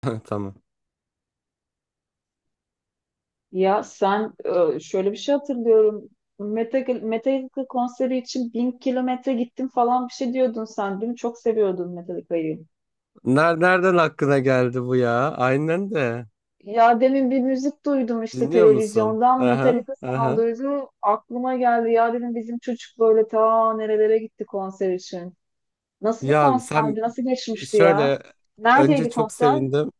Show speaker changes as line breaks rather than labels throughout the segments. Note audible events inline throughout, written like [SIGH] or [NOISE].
[LAUGHS] Tamam.
Ya sen şöyle bir şey hatırlıyorum. Metallica konseri için 1000 kilometre gittim falan bir şey diyordun sen. Değil mi? Çok seviyordun Metallica'yı.
Nereden aklına geldi bu ya? Aynen de.
Ya demin bir müzik duydum işte
Dinliyor musun?
televizyondan
Aha,
Metallica
aha.
sounduydu. Aklıma geldi ya dedim bizim çocuk böyle ta nerelere gitti konser için. Nasıl bir
Ya sen
konserdi? Nasıl geçmişti ya?
şöyle önce
Neredeydi
çok
konser?
sevindim.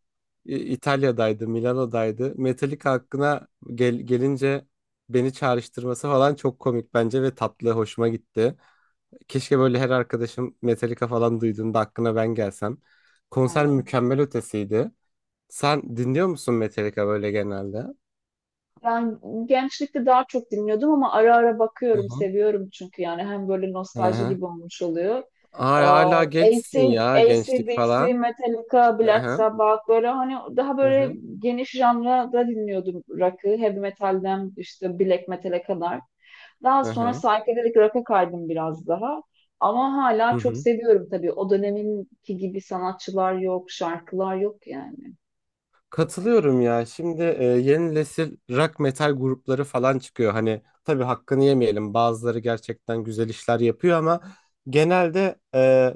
İtalya'daydı, Milano'daydı. Metallica hakkına gelince beni çağrıştırması falan çok komik bence ve tatlı, hoşuma gitti. Keşke böyle her arkadaşım Metallica falan duyduğunda aklına ben gelsem. Konser mükemmel ötesiydi. Sen dinliyor musun Metallica böyle genelde?
Yani gençlikte daha çok dinliyordum ama ara ara bakıyorum, seviyorum çünkü yani hem böyle nostalji
Aha.
gibi olmuş oluyor.
Ay hala gençsin
AC,
ya gençlik
AC/DC,
falan.
Metallica,
Hı
Black
hı.
Sabbath böyle hani daha
Hı
böyle
hı.
geniş janrada dinliyordum rock'ı. Heavy metalden işte black metal'e kadar. Daha
Hı
sonra
hı.
psychedelic rock'a kaydım biraz daha. Ama hala
Hı
çok
hı.
seviyorum tabii. O döneminki gibi sanatçılar yok, şarkılar yok yani. Çok kaliteli.
Katılıyorum ya. Şimdi yeni nesil rock metal grupları falan çıkıyor. Hani tabii hakkını yemeyelim. Bazıları gerçekten güzel işler yapıyor ama genelde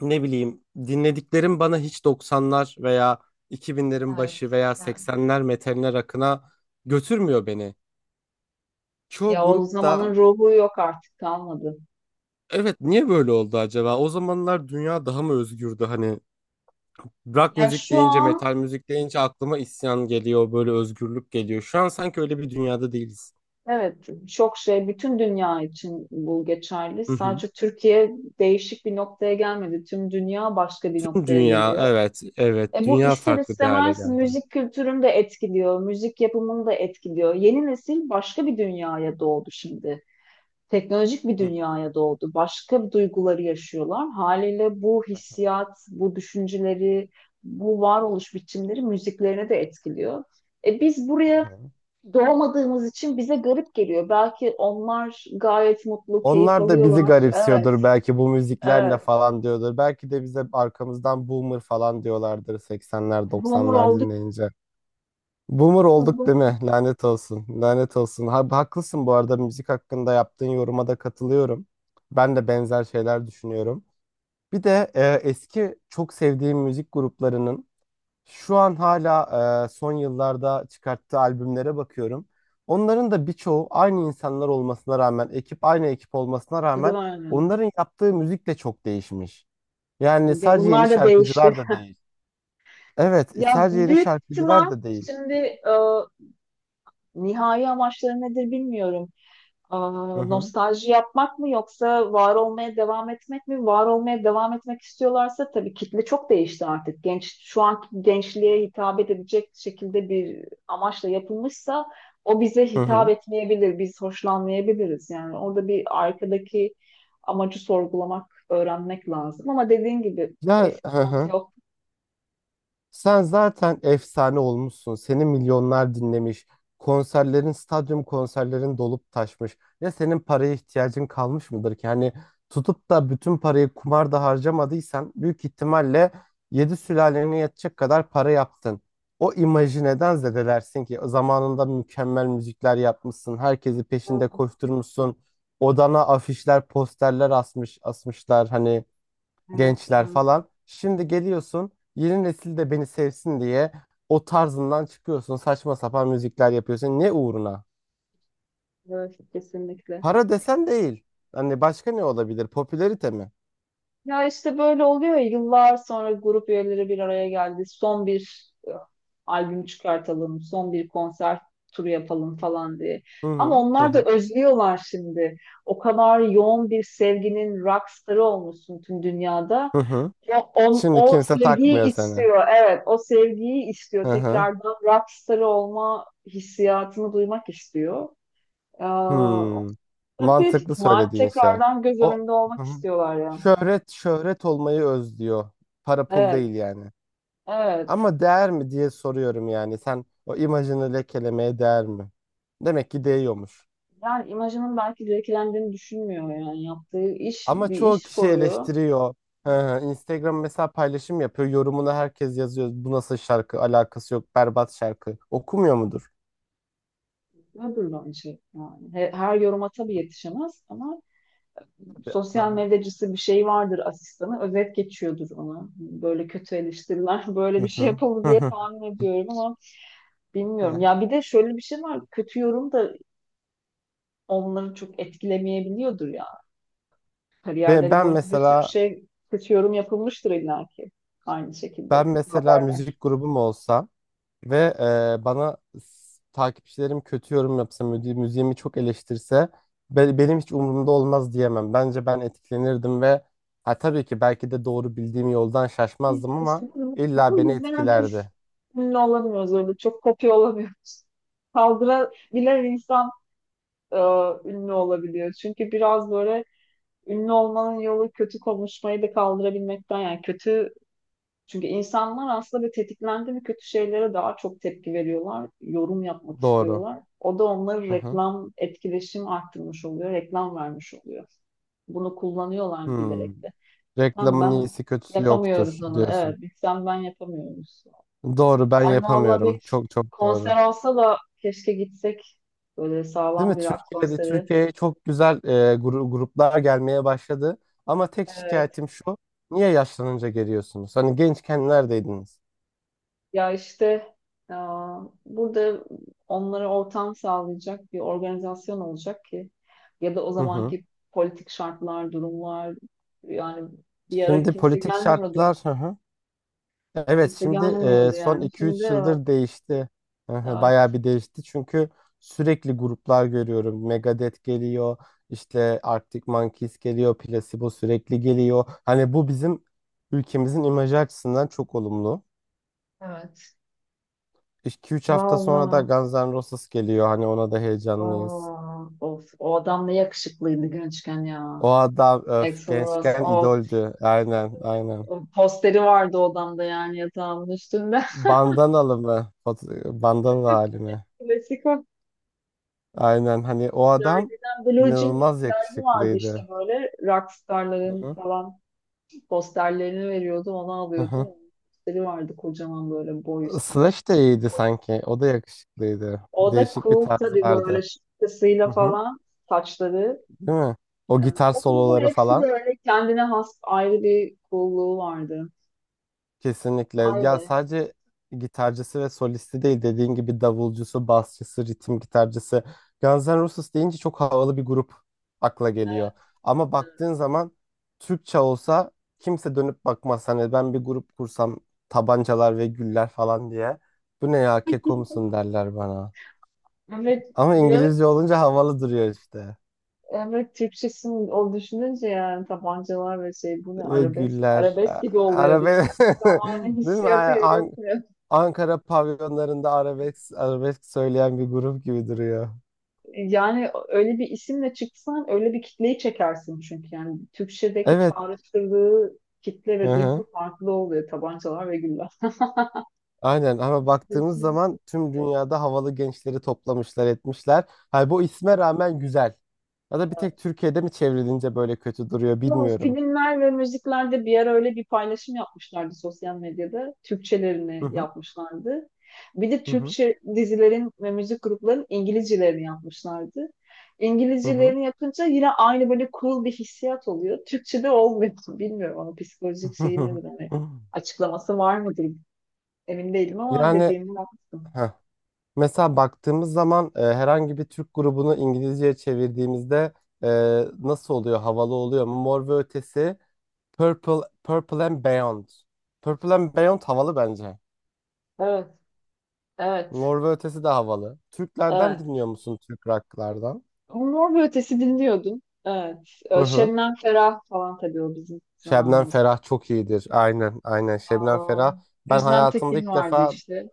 ne bileyim dinlediklerim bana hiç doksanlar veya 2000'lerin başı
Evet.
veya
Evet.
80'ler metaline rock'ına götürmüyor beni. Çoğu
Ya o
grupta
zamanın ruhu yok artık kalmadı.
evet niye böyle oldu acaba? O zamanlar dünya daha mı özgürdü hani? Rock
Ya
müzik
şu
deyince,
an,
metal müzik deyince aklıma isyan geliyor, böyle özgürlük geliyor. Şu an sanki öyle bir dünyada değiliz.
evet, çok şey, bütün dünya için bu geçerli.
Hı hı.
Sadece Türkiye değişik bir noktaya gelmedi. Tüm dünya başka bir
Tüm
noktaya
dünya,
geliyor.
evet, evet,
Bu
dünya
ister
farklı bir hale
istemez
geldi.
müzik kültürünü de etkiliyor, müzik yapımını da etkiliyor. Yeni nesil başka bir dünyaya doğdu şimdi. Teknolojik bir
Hı
dünyaya doğdu. Başka duyguları yaşıyorlar. Haliyle bu hissiyat, bu düşünceleri, bu varoluş biçimleri müziklerine de etkiliyor. Biz
hı.
buraya
Hı.
doğmadığımız için bize garip geliyor. Belki onlar gayet mutlu, keyif
Onlar da bizi
alıyorlar. Evet,
garipsiyordur belki, bu müzikler ne
evet.
falan diyordur. Belki de bize arkamızdan boomer falan diyorlardır 80'ler
Boomer
90'lar
olduk.
dinleyince. Boomer olduk değil mi? Lanet olsun. Lanet olsun. Ha, haklısın bu arada, müzik hakkında yaptığın yoruma da katılıyorum. Ben de benzer şeyler düşünüyorum. Bir de eski çok sevdiğim müzik gruplarının şu an hala son yıllarda çıkarttığı albümlere bakıyorum. Onların da birçoğu aynı insanlar olmasına rağmen, ekip aynı ekip olmasına
Tadı
rağmen onların yaptığı müzik de çok değişmiş. Yani sadece yeni
Bunlar da değişti.
şarkıcılar da değil. Evet,
Ya
sadece yeni
büyük
şarkıcılar
ihtimal
da değil.
şimdi, nihai amaçları nedir bilmiyorum. Aa,
Hı hı.
nostalji yapmak mı yoksa var olmaya devam etmek mi? Var olmaya devam etmek istiyorlarsa tabii kitle çok değişti artık. Şu anki gençliğe hitap edebilecek şekilde bir amaçla yapılmışsa o bize
Hı
hitap
hı.
etmeyebilir. Biz hoşlanmayabiliriz. Yani orada bir arkadaki amacı sorgulamak, öğrenmek lazım. Ama dediğin gibi
Ya
eski
hı
tat
hı.
yok.
Sen zaten efsane olmuşsun. Seni milyonlar dinlemiş. Konserlerin, stadyum konserlerin dolup taşmış. Ya senin paraya ihtiyacın kalmış mıdır ki? Hani tutup da bütün parayı kumarda harcamadıysan büyük ihtimalle yedi sülalene yetecek kadar para yaptın. O imajı neden zedelersin ki? Zamanında mükemmel müzikler yapmışsın. Herkesi peşinde koşturmuşsun. Odana afişler, posterler asmışlar. Hani
Evet,
gençler
evet,
falan. Şimdi geliyorsun, yeni nesil de beni sevsin diye o tarzından çıkıyorsun. Saçma sapan müzikler yapıyorsun. Ne uğruna?
evet, kesinlikle.
Para desen değil. Hani başka ne olabilir? Popülerite mi?
Ya işte böyle oluyor ya, yıllar sonra grup üyeleri bir araya geldi. Son bir albüm çıkartalım, son bir konser turu yapalım falan diye.
Hı
Ama
hı hı
onlar da
hı.
özlüyorlar şimdi. O kadar yoğun bir sevginin rockstarı olmuşsun tüm dünyada.
Hı hı.
O, o,
Şimdi
o
kimse
sevgiyi
takmıyor seni.
istiyor. Evet, o sevgiyi
Hı
istiyor.
hı.
Tekrardan rockstarı olma hissiyatını duymak istiyor. Ee,
Hmm.
büyük
Mantıklı
ihtimal
söylediğin şey.
tekrardan göz
O
önünde
hı
olmak
hı.
istiyorlar ya.
Şöhret şöhret olmayı özlüyor. Para pul değil
Evet.
yani.
Evet.
Ama değer mi diye soruyorum yani. Sen o imajını lekelemeye değer mi? Demek ki değiyormuş.
Yani imajının belki zevklendiğini düşünmüyor yani. Yaptığı iş
Ama
bir
çoğu
iş
kişi
koyuyor.
eleştiriyor. Hı hı, Instagram mesela paylaşım yapıyor. Yorumuna herkes yazıyor. Bu nasıl şarkı? Alakası yok. Berbat şarkı. Okumuyor mudur?
Ödül bence yani. Her yoruma tabii yetişemez ama
Tabii. Hı
sosyal
hı.
medyacısı bir şey vardır, asistanı. Özet geçiyordur ona. Böyle kötü eleştiriler [LAUGHS] böyle
Hı
bir şey
hı.
yapıldı
Hı
diye
hı.
tahmin ediyorum ama
Hı
bilmiyorum.
hı.
Ya bir de şöyle bir şey var. Kötü yorum da onları çok etkilemeyebiliyordur ya.
Ben,
Kariyerleri
ben
boyunca bir sürü
mesela
şey kötü yorum yapılmıştır illa ki. Aynı şekilde
ben
kötü
mesela
haber.
müzik grubum olsa. Ve bana takipçilerim kötü yorum yapsa, müziğimi çok eleştirse, benim hiç umurumda olmaz diyemem. Bence ben etkilenirdim ve ha, tabii ki belki de doğru bildiğim yoldan
Biz
şaşmazdım
işte
ama
bu
illa
bu
beni
yüzden biz
etkilerdi.
ünlü olamıyoruz öyle. Çok kopya olamıyoruz. Kaldırabilen insan, e, ünlü olabiliyor. Çünkü biraz böyle ünlü olmanın yolu kötü konuşmayı da kaldırabilmekten, yani kötü. Çünkü insanlar aslında bir tetiklendi mi kötü şeylere daha çok tepki veriyorlar. Yorum yapmak
Doğru.
istiyorlar. O da onları,
Hı hı.
reklam, etkileşim arttırmış oluyor. Reklam vermiş oluyor. Bunu kullanıyorlar
Hmm.
bilerek de. Sen
Reklamın
ben
iyisi kötüsü yoktur
yapamıyoruz onu. Evet,
diyorsun.
biz sen ben yapamıyoruz.
Doğru, ben
Ay valla
yapamıyorum.
bir
Çok çok doğru.
konser olsa da keşke gitsek. Böyle
Değil
sağlam
mi?
bir rock
Türkiye'de,
konseri.
Türkiye'ye çok güzel gruplar gelmeye başladı. Ama tek
Evet.
şikayetim şu. Niye yaşlanınca geliyorsunuz? Hani gençken neredeydiniz?
Ya işte, aa, burada onlara ortam sağlayacak bir organizasyon olacak ki, ya da o
Hı hı.
zamanki politik şartlar, durumlar, yani bir ara
Şimdi
kimse
politik
gelmiyordu yani.
şartlar hı hı. Evet,
Kimse
şimdi
gelmiyordu
son
yani. Şimdi
2-3
evet.
yıldır değişti. Hı hı, bayağı
Evet.
bir değişti. Çünkü sürekli gruplar görüyorum. Megadeth geliyor. İşte Arctic Monkeys geliyor. Placebo sürekli geliyor. Hani bu bizim ülkemizin imajı açısından çok olumlu.
Evet.
2 üç hafta sonra da
Vallahi.
Guns N' Roses geliyor. Hani ona da heyecanlıyız.
Aa, of, o adam ne yakışıklıydı gençken ya.
O adam öf,
Axl Rose,
gençken
of,
idoldü. Aynen aynen.
o posteri vardı odamda, yani yatağımın üstünde. [LAUGHS]
Bandanalı mı? Bandanalı hali mi?
Klasik o.
Aynen, hani o adam
Dergiden, Blue Jean diye
inanılmaz
bir dergi vardı işte,
yakışıklıydı.
böyle
Hı
rockstarların
hı.
falan posterlerini veriyordu, onu
Hı
alıyordum.
hı.
Onun posteri vardı, kocaman, böyle boy üstünde.
Slash de iyiydi sanki. O da yakışıklıydı.
O da
Değişik bir
cool
tarzı
tabii, böyle
vardı.
şapkasıyla
Hı hı.
falan, saçları.
Değil mi? O
Yani
gitar
o grubun
soloları
hepsi
falan.
böyle kendine has ayrı bir coolluğu vardı.
Kesinlikle.
Vay
Ya
be.
sadece gitarcısı ve solisti değil, dediğin gibi davulcusu, basçısı, ritim gitarcısı. Guns N' Roses deyince çok havalı bir grup akla geliyor.
Evet,
Ama
evet,
baktığın zaman Türkçe olsa kimse dönüp bakmaz. Hani ben bir grup kursam tabancalar ve güller falan diye. Bu ne ya, keko musun derler bana.
evet
Ama
diyor.
İngilizce olunca havalı duruyor işte.
Evet, Türkçesini o düşününce yani, tabancalar ve şey, bu ne,
Ve
arabesk
güller.
arabesk gibi oluyor
Arabe
bizde.
[LAUGHS]
Zamanı
değil mi?
hissiyatı yaratmıyor.
Ankara pavyonlarında arabesk, arabesk söyleyen bir grup gibi duruyor.
Yani öyle bir isimle çıksan öyle bir kitleyi çekersin, çünkü yani Türkçedeki
Evet.
çağrıştırdığı kitle
Hı
ve
hı.
duygu farklı oluyor, tabancalar ve
Aynen, ama baktığımız
güller.
zaman tüm dünyada havalı gençleri toplamışlar etmişler. Hay bu isme rağmen güzel. Ya da bir tek Türkiye'de mi çevrilince böyle kötü duruyor
Ama
bilmiyorum.
filmler ve müziklerde bir ara öyle bir paylaşım yapmışlardı sosyal medyada. Türkçelerini yapmışlardı. Bir de
Hı hı,
Türkçe dizilerin ve müzik gruplarının İngilizcelerini yapmışlardı.
hı hı,
İngilizcelerini yapınca yine aynı böyle cool bir hissiyat oluyor. Türkçe'de olmuyor. [LAUGHS] Bilmiyorum ama psikolojik
hı
şeyi
hı.
nedir? Hani
[LAUGHS]
açıklaması var mıdır? Emin değilim ama
Yani
dediğimi yaptım.
heh, mesela baktığımız zaman herhangi bir Türk grubunu İngilizceye çevirdiğimizde e, nasıl oluyor? Havalı oluyor mu? Mor ve Ötesi. Purple and Beyond. Purple and Beyond havalı bence.
Evet, evet,
Mor ve Ötesi de havalı. Türklerden
evet.
dinliyor musun, Türk rocklardan?
Mor ve Ötesi dinliyordum. Evet.
Hı hı.
Şebnem Ferah falan, tabii o bizim
Şebnem
zamanımız.
Ferah çok iyidir. Aynen, aynen. Şebnem
Aa,
Ferah. Ben
Özlem
hayatımda
Tekin
ilk
vardı
defa
işte.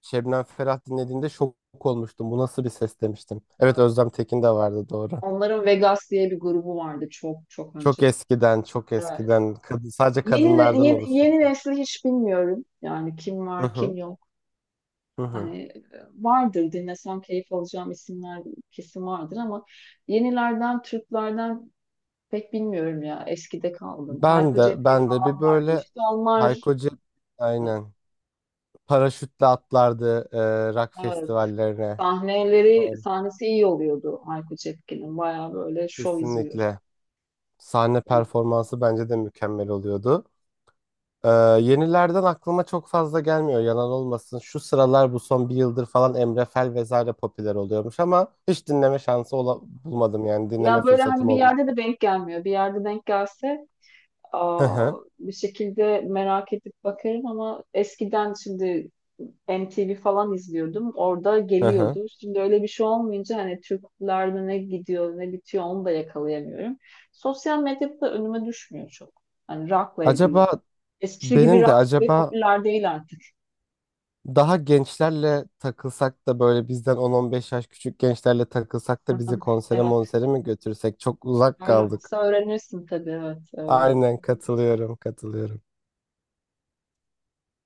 Şebnem Ferah dinlediğimde şok olmuştum. Bu nasıl bir ses demiştim. Evet,
Evet.
Özlem Tekin de vardı, doğru.
Onların Vegas diye bir grubu vardı çok çok önce.
Çok eskiden, çok
Evet.
eskiden. Kadın, sadece
Yeni, ne-
kadınlardan
yeni,
oluşuyor.
yeni nesli hiç bilmiyorum. Yani kim
Hı
var kim
hı.
yok.
Hı
Hani,
hı.
vardır dinlesem keyif alacağım isimler, kesin vardır, ama yenilerden Türklerden pek bilmiyorum ya. Eskide kaldım.
Ben
Hayko
de,
Cepkin
ben de bir
falan vardı
böyle
işte.
Hayko
Onlar.
Cep, aynen. Paraşütle atlardı rock
Evet.
festivallerine.
sahneleri
Doğru.
sahnesi iyi oluyordu Hayko Cepkin'in. Baya böyle şov izliyorsun.
Kesinlikle. Sahne performansı bence de mükemmel oluyordu. E, Yenilerden aklıma çok fazla gelmiyor, yalan olmasın. Şu sıralar, bu son bir yıldır falan Emre Fel vesaire popüler oluyormuş ama hiç dinleme şansı bulmadım, yani dinleme
Ya böyle hani
fırsatım
bir
olmadı.
yerde de denk gelmiyor. Bir yerde denk gelse,
Hı
aa,
hı,
bir şekilde merak edip bakarım ama eskiden şimdi MTV falan izliyordum. Orada
hı hı.
geliyordu. Şimdi öyle bir şey olmayınca hani Türklerde ne gidiyor ne bitiyor onu da yakalayamıyorum. Sosyal medyada da önüme düşmüyor çok. Hani rock'la
Acaba
ilgili. Eskisi gibi
benim de
rock ve
acaba
popüler değil artık.
daha gençlerle takılsak da, böyle bizden 10-15 yaş küçük gençlerle takılsak da bizi
[LAUGHS]
konsere
Evet,
monsere mi götürsek? Çok uzak
öyle
kaldık.
olsa öğrenirsin tabii. Evet, öyle
Aynen
olsa.
katılıyorum, katılıyorum.